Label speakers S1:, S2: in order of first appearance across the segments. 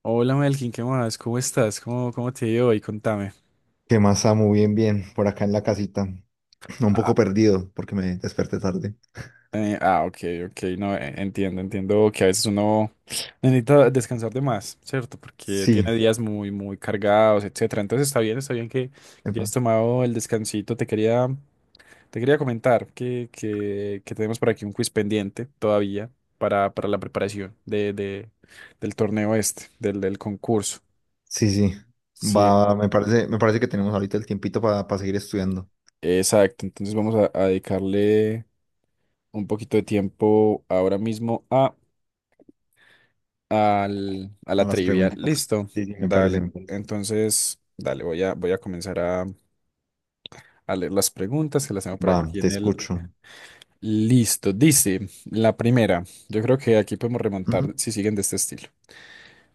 S1: Hola Melkin, ¿qué más? ¿Cómo estás? ¿Cómo te ha ido hoy? Contame.
S2: ¿Qué más, Samu? Bien, bien, por acá en la casita. Un
S1: Ah,
S2: poco perdido porque me desperté tarde.
S1: ah, ok, ok, no, entiendo que a veces uno necesita descansar de más, ¿cierto? Porque
S2: Sí,
S1: tiene días muy cargados, etcétera. Entonces está bien que ya
S2: epa,
S1: has tomado el descansito. Te quería comentar que tenemos por aquí un quiz pendiente todavía para la preparación del torneo este, del concurso.
S2: sí, sí.
S1: Sí,
S2: Va, me parece que tenemos ahorita el tiempito para seguir estudiando
S1: exacto. Entonces vamos a dedicarle un poquito de tiempo ahora mismo a
S2: a
S1: la
S2: las
S1: trivia.
S2: preguntitas.
S1: Listo,
S2: Sí, sí, me parece,
S1: dale.
S2: me parece.
S1: Entonces, dale, voy a comenzar a leer las preguntas que las tengo por
S2: Va,
S1: aquí
S2: te
S1: en el...
S2: escucho.
S1: Listo, dice la primera. Yo creo que aquí podemos
S2: Ujú.
S1: remontar si siguen de este estilo.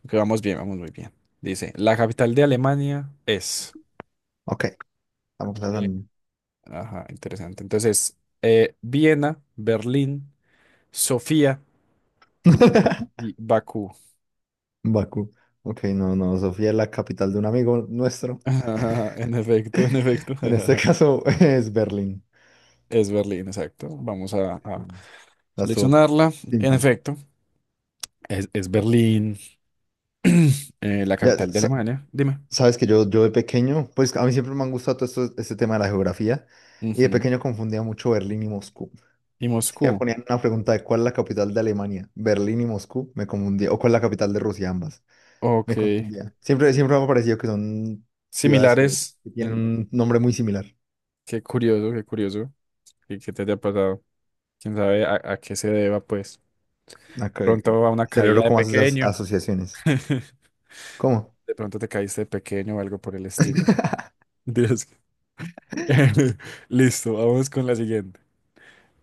S1: Que vamos bien, vamos muy bien. Dice, la capital de Alemania es...
S2: Ok, vamos a...
S1: Eh, ajá, interesante. Entonces, Viena, Berlín, Sofía y Bakú.
S2: Bakú. Ok, no, Sofía es la capital de un amigo nuestro.
S1: En efecto, en efecto.
S2: En este caso es Berlín.
S1: Es Berlín, exacto. Vamos a,
S2: Sí,
S1: a
S2: la estuvo
S1: seleccionarla. En
S2: simple.
S1: efecto, es Berlín, la
S2: Ya,
S1: capital de Alemania. Dime.
S2: sabes que yo de pequeño, pues a mí siempre me han gustado todo esto, este tema de la geografía, y de
S1: Ujú.
S2: pequeño confundía mucho Berlín y Moscú.
S1: Y
S2: Si me
S1: Moscú.
S2: ponían una pregunta de cuál es la capital de Alemania, Berlín y Moscú, me confundía, o cuál es la capital de Rusia, ambas,
S1: Ok.
S2: me confundía. Siempre, siempre me ha parecido que son ciudades
S1: Similares.
S2: que tienen un nombre muy similar.
S1: Qué curioso, qué curioso. ¿Y qué te haya pasado? ¿Quién sabe a qué se deba, pues?
S2: Acá,
S1: Pronto va una caída
S2: cerebro,
S1: de
S2: ¿cómo hace esas
S1: pequeño.
S2: asociaciones? ¿Cómo?
S1: De pronto te caíste de pequeño o algo por el estilo. Dios. Listo, vamos con la siguiente.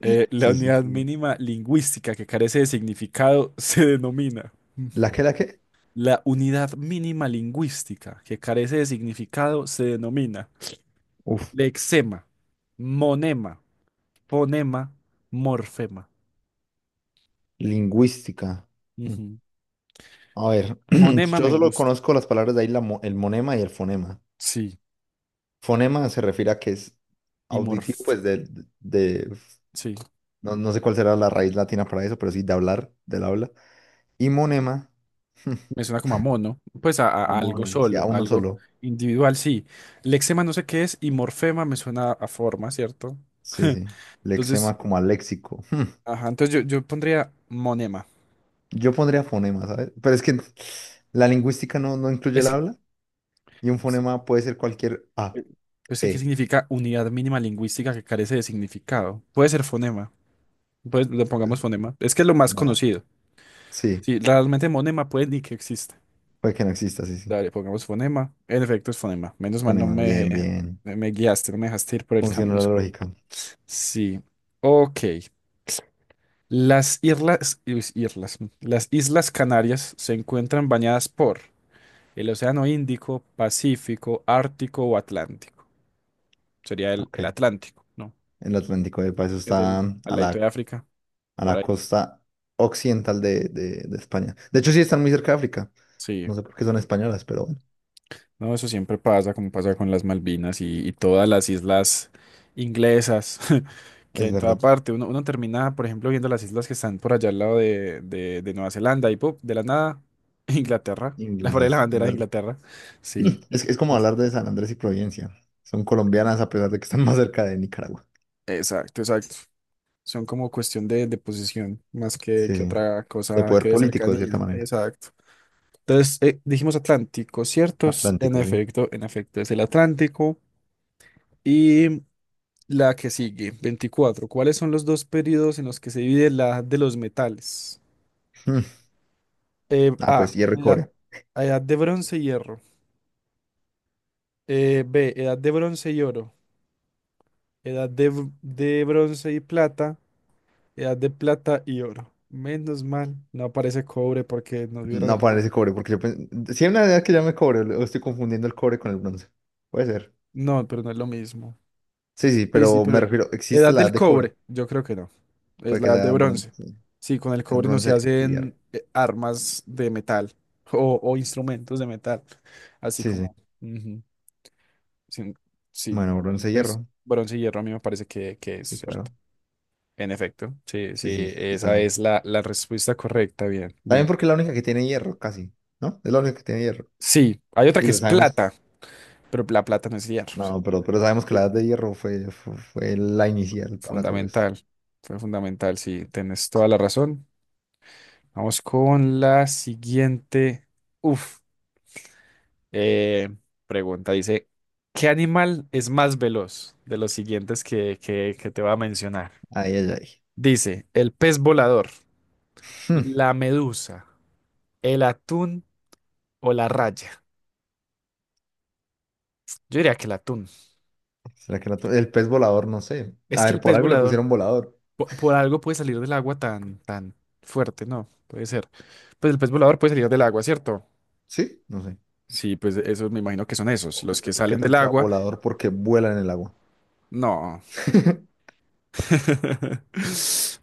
S1: La
S2: Sí, sí,
S1: unidad
S2: sí.
S1: mínima lingüística que carece de significado se denomina.
S2: ¿La qué, la qué?
S1: La unidad mínima lingüística que carece de significado se denomina
S2: Uf,
S1: lexema, monema, fonema, morfema.
S2: lingüística. Mm.
S1: Ujú.
S2: A ver,
S1: Monema
S2: yo
S1: me
S2: solo
S1: gusta.
S2: conozco las palabras de ahí, el monema y el fonema.
S1: Sí,
S2: Fonema se refiere a que es
S1: y
S2: auditivo,
S1: morf.
S2: de-
S1: Sí,
S2: no, no sé cuál será la raíz latina para eso, pero sí de hablar, del habla. Y monema,
S1: me suena como a mono. Pues a, a
S2: a
S1: a algo
S2: mono, sí, a
S1: solo,
S2: uno
S1: algo
S2: solo.
S1: individual, sí. Lexema no sé qué es y morfema me suena a forma, ¿cierto?
S2: Sí, sí.
S1: Entonces,
S2: Lexema como a léxico.
S1: ajá, entonces yo pondría monema.
S2: Yo pondría fonema, ¿sabes? Pero es que la lingüística no incluye el
S1: Es,
S2: habla y un
S1: sí,
S2: fonema puede ser cualquier A,
S1: eh, pues, sí, ¿qué
S2: E.
S1: significa unidad mínima lingüística que carece de significado? Puede ser fonema. Pues le
S2: Pues,
S1: pongamos fonema. Es que es lo más
S2: va.
S1: conocido.
S2: Sí,
S1: Sí, realmente monema puede ni que exista.
S2: puede que no exista, sí, sí.
S1: Dale, pongamos fonema. En efecto, es fonema. Menos mal no
S2: Fonema,
S1: me,
S2: bien,
S1: dejé-
S2: bien.
S1: me guiaste, no me dejaste ir por el camino
S2: Funcionó la
S1: oscuro.
S2: lógica.
S1: Sí. Ok. Las Islas Canarias se encuentran bañadas por el Océano Índico, Pacífico, Ártico o Atlántico. Sería el,
S2: Ok.
S1: el Atlántico, ¿no?
S2: El Atlántico, epa, eso
S1: Es
S2: está
S1: el ladito de África,
S2: a
S1: por
S2: la
S1: ahí.
S2: costa occidental de España. De hecho, sí están muy cerca de África.
S1: Sí.
S2: No sé por qué son españolas, pero bueno,
S1: No, eso siempre pasa, como pasa con las Malvinas y todas las islas inglesas que hay
S2: es
S1: en toda
S2: verdad.
S1: parte. Uno termina, por ejemplo, viendo las islas que están por allá al lado de Nueva Zelanda y ¡pum!, de la nada, Inglaterra. La pared de la
S2: Inglesas, es
S1: bandera de
S2: verdad.
S1: Inglaterra. Sí.
S2: Es como
S1: Entonces-
S2: hablar de San Andrés y Providencia. Son colombianas a pesar de que están más cerca de Nicaragua.
S1: Exacto, exacto. Son como cuestión de posición más que,
S2: Sí,
S1: que
S2: sí.
S1: otra
S2: De
S1: cosa
S2: poder
S1: que de
S2: político, de cierta
S1: cercanía.
S2: manera.
S1: Exacto. Entonces, dijimos Atlántico, ¿cierto?
S2: Atlántico, sí.
S1: En efecto, es el Atlántico. Y la que sigue, 24. ¿Cuáles son los dos periodos en los que se divide la edad de los metales?
S2: Mm. Ah, pues,
S1: A,
S2: hierro y
S1: edad,
S2: cobre.
S1: edad de bronce y hierro. B, edad de bronce y oro. Edad de bronce y plata. Edad de plata y oro. Menos mal, no aparece cobre porque nos hubieran
S2: No
S1: embalado.
S2: aparece cobre, porque yo pensé... Sí hay una idea que llame cobre, o estoy confundiendo el cobre con el bronce. Puede ser.
S1: No, pero no es lo mismo.
S2: Sí, sí,
S1: Sí, sí,
S2: pero me
S1: pero
S2: refiero, existe
S1: edad
S2: la edad
S1: del
S2: de cobre.
S1: cobre, yo creo que no. Es
S2: Puede
S1: la
S2: que
S1: edad de
S2: sea
S1: bronce.
S2: bronce.
S1: Sí, con el
S2: Es
S1: cobre no se
S2: bronce y hierro.
S1: hacen armas de metal o instrumentos de metal, así
S2: Sí,
S1: como...
S2: sí.
S1: ujú. Sí, sí,
S2: Bueno,
S1: bueno,
S2: bronce,
S1: pues
S2: hierro.
S1: bronce y hierro a mí me parece que es
S2: Sí,
S1: cierto.
S2: claro.
S1: En efecto, sí,
S2: Sí,
S1: sí,
S2: sí, sí,
S1: esa
S2: esa.
S1: es la, la respuesta correcta, bien,
S2: También
S1: bien.
S2: porque es la única que tiene hierro, casi, ¿no? Es la única que tiene hierro.
S1: Sí, hay otra
S2: Y
S1: que
S2: lo
S1: es
S2: sabemos.
S1: plata, pero la plata no es hierro.
S2: No, pero sabemos que
S1: Sí.
S2: la edad de hierro fue la inicial para todo esto.
S1: Fundamental, fue fundamental, sí, tienes toda la razón. Vamos con la siguiente. Uf, eh, pregunta. Dice, ¿qué animal es más veloz de los siguientes que te voy a mencionar?
S2: Ay, ay, ay.
S1: Dice, el pez volador,
S2: Hmm,
S1: la medusa, el atún o la raya. Yo diría que el atún.
S2: ¿será que el pez volador? No sé.
S1: Es
S2: A
S1: que
S2: ver,
S1: el
S2: por
S1: pez
S2: algo le
S1: volador,
S2: pusieron volador.
S1: por algo puede salir del agua tan, tan fuerte, ¿no? Puede ser. Pues el pez volador puede salir del agua, ¿cierto?
S2: ¿Sí? No sé.
S1: Sí, pues esos me imagino que son esos,
S2: O ¿qué,
S1: los que
S2: qué
S1: salen del
S2: tal sea
S1: agua.
S2: volador? Porque vuela en el agua.
S1: No.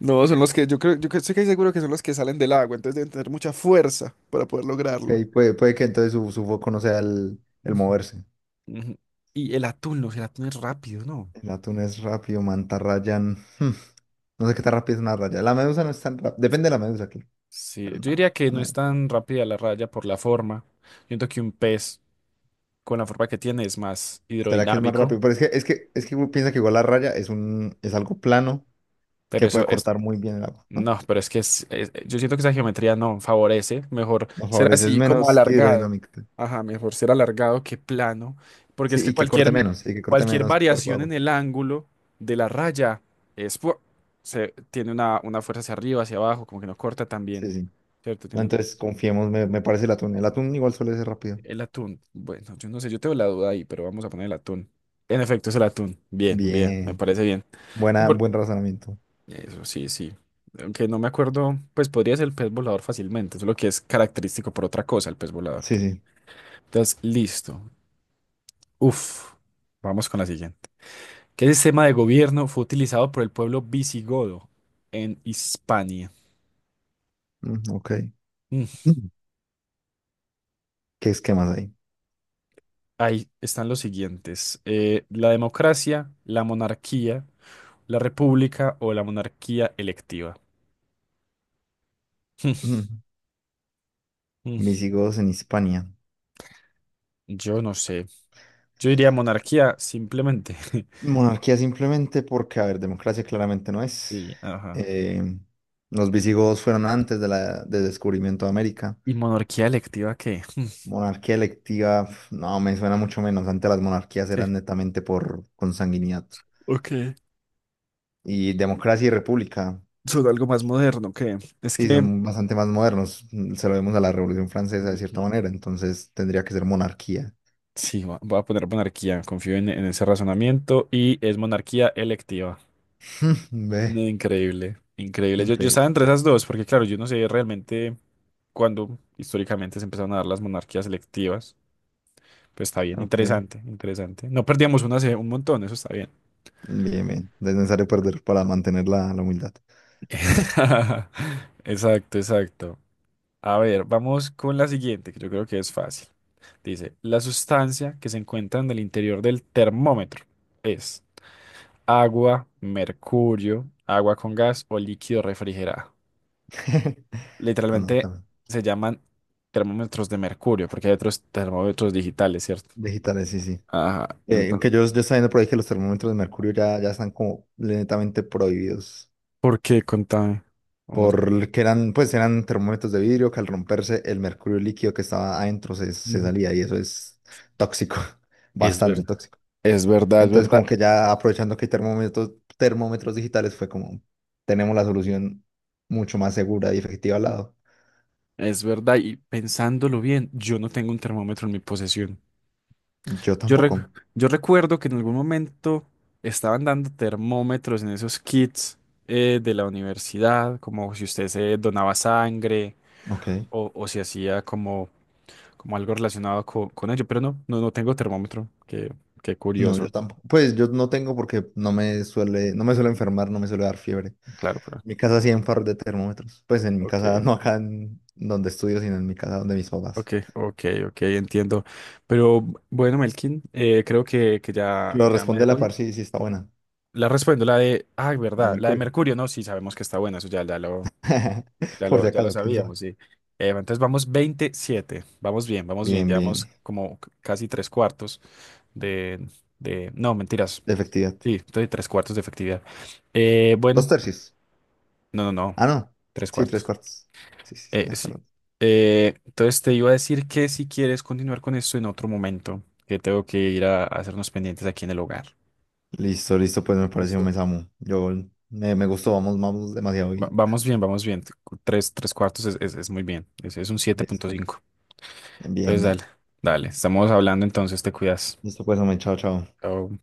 S1: No, son los que yo creo, yo estoy casi seguro que son los que salen del agua, entonces deben tener mucha fuerza para poder
S2: Ok,
S1: lograrlo.
S2: puede que entonces su foco no sea el
S1: Ujú,
S2: moverse.
S1: ujú. Y el atún, los el atún es rápido, ¿no?
S2: El atún es rápido, mantarrayán. Hmm, no sé qué tan rápido es una raya. La medusa no es tan rápida. Depende de
S1: Sí,
S2: la medusa aquí.
S1: sí,
S2: Pero
S1: yo
S2: no,
S1: diría que
S2: la
S1: no es
S2: medusa.
S1: tan rápida la raya por la forma. Yo siento que un pez con la forma que tiene es más
S2: ¿Será que es más
S1: hidrodinámico,
S2: rápido? Pero es que uno piensa que igual la raya es un, es algo plano
S1: pero
S2: que puede
S1: eso es
S2: cortar muy bien el agua, ¿no?
S1: no, pero es que yo siento que esa geometría no favorece. Mejor
S2: Nos
S1: ser
S2: favorece, es
S1: así como
S2: menos
S1: alargado.
S2: hidrodinámico.
S1: Ajá, mejor ser alargado que plano. Porque es
S2: Sí,
S1: que cualquier,
S2: y que corte
S1: cualquier
S2: menos cuerpo de
S1: variación
S2: agua.
S1: en el ángulo de la raya es, pu- tiene una fuerza hacia arriba, hacia abajo, como que no corta tan bien.
S2: Sí, sí.
S1: ¿Cierto?
S2: No,
S1: Tiene un-
S2: entonces confiemos, me parece el atún. El atún igual suele ser rápido.
S1: el atún. Bueno, yo no sé, yo tengo la duda ahí, pero vamos a poner el atún. En efecto, es el atún. Bien, bien, me
S2: Bien.
S1: parece bien.
S2: Buena, buen razonamiento.
S1: Eso, sí, sí. Aunque no me acuerdo, pues podría ser el pez volador fácilmente, solo que es característico por otra cosa el pez volador.
S2: Sí,
S1: Que...
S2: sí.
S1: Entonces, listo. Uf, vamos con la siguiente. ¿Qué sistema de gobierno fue utilizado por el pueblo visigodo en Hispania?
S2: Mm, ok.
S1: Mm,
S2: Mm, ¿qué es que más hay?
S1: Ahí están los siguientes. La democracia, la monarquía, la república o la monarquía electiva.
S2: Mm.
S1: Mm,
S2: Visigodos en Hispania.
S1: yo no sé. Yo diría monarquía simplemente.
S2: Monarquía simplemente porque, a ver, democracia claramente no es.
S1: Sí, ajá.
S2: Eh, los visigodos fueron antes de la, del descubrimiento de América.
S1: ¿Y monarquía electiva qué?
S2: Monarquía electiva, pf, no, me suena mucho menos. Antes las monarquías
S1: Sí,
S2: eran netamente por consanguinidad.
S1: ok.
S2: Y democracia y república,
S1: Son algo más moderno que es
S2: sí,
S1: que
S2: son bastante más modernos. Mm, se lo vemos a la Revolución Francesa de cierta
S1: Ujú,
S2: manera, entonces tendría que ser monarquía.
S1: sí, voy a poner monarquía. Confío en ese razonamiento y es monarquía electiva. No,
S2: Ve,
S1: increíble, increíble. Yo
S2: increíble.
S1: estaba entre esas dos porque, claro, yo no sé realmente cuándo históricamente se empezaron a dar las monarquías electivas. Pues está bien,
S2: Ok,
S1: interesante, interesante. No perdíamos una hace un montón, eso está bien.
S2: bien, bien. No es necesario perder para mantener la humildad.
S1: Exacto, exacto. A ver, vamos con la siguiente, que yo creo que es fácil. Dice, la sustancia que se encuentra en el interior del termómetro es agua, mercurio, agua con gas o líquido refrigerado.
S2: Ah, no,
S1: Literalmente
S2: también.
S1: se llaman termómetros de mercurio, porque hay otros termómetros digitales, ¿cierto?
S2: Digitales, sí, sí.
S1: Ajá,
S2: Que
S1: entonces.
S2: yo estaba viendo por ahí que los termómetros de mercurio ya están como lentamente prohibidos.
S1: ¿Por qué? Contame. Uno-
S2: Por que eran, pues eran termómetros de vidrio que al romperse el mercurio líquido que estaba adentro se
S1: ujú.
S2: salía y eso es tóxico,
S1: Es
S2: bastante
S1: verdad.
S2: tóxico.
S1: Es verdad, es
S2: Entonces
S1: verdad.
S2: como que ya aprovechando que hay termómetros, termómetros digitales fue como, tenemos la solución mucho más segura y efectiva al lado.
S1: Es verdad, y pensándolo bien, yo no tengo un termómetro en mi posesión.
S2: Yo
S1: Yo, rec-
S2: tampoco.
S1: yo recuerdo que en algún momento estaban dando termómetros en esos kits de la universidad, como si usted se donaba sangre
S2: Ok.
S1: o si hacía como, como algo relacionado con ello, pero no, no, no tengo termómetro, qué
S2: No, yo
S1: curioso,
S2: tampoco. Pues yo no tengo porque no me suele enfermar, no me suele dar fiebre.
S1: claro, pero
S2: Mi casa sí en par de termómetros. Pues en mi
S1: ok,
S2: casa, no acá en donde estudio, sino en mi casa donde mis papás.
S1: ok, ok, ok, entiendo. Pero bueno, Melkin, creo que ya,
S2: Lo
S1: ya me
S2: responde la
S1: voy.
S2: par, sí, sí está buena.
S1: La respondo, la de, ah,
S2: La de
S1: verdad, la de
S2: mercurio.
S1: mercurio, no, sí, sabemos que está buena, eso ya, ya lo, Ya
S2: Por si
S1: lo, ya lo
S2: acaso, quién sabe.
S1: sabíamos, sí. Entonces vamos 27. Vamos bien, vamos bien.
S2: Bien,
S1: Llevamos
S2: bien.
S1: como c- casi tres cuartos de, No, mentiras.
S2: De efectividad.
S1: Sí, estoy tres cuartos de efectividad.
S2: Dos
S1: Bueno,
S2: tercios.
S1: no, no, no.
S2: Ah, no.
S1: Tres
S2: Sí, tres
S1: cuartos.
S2: cuartos. Sí, sí, tienes
S1: Sí.
S2: razón.
S1: Entonces te iba a decir que si quieres continuar con esto en otro momento, que tengo que ir a hacer unos pendientes aquí en el hogar.
S2: Listo, listo, pues me pareció un
S1: Listo.
S2: mesamo. Yo me gustó, vamos, vamos demasiado bien.
S1: Vamos bien, vamos bien. Tres cuartos es muy bien. Es un siete punto
S2: Listo.
S1: cinco
S2: Bien,
S1: Entonces dale,
S2: bien.
S1: dale. Estamos hablando entonces, te cuidas.
S2: Listo, pues, hombre, chao, chao.
S1: Oh,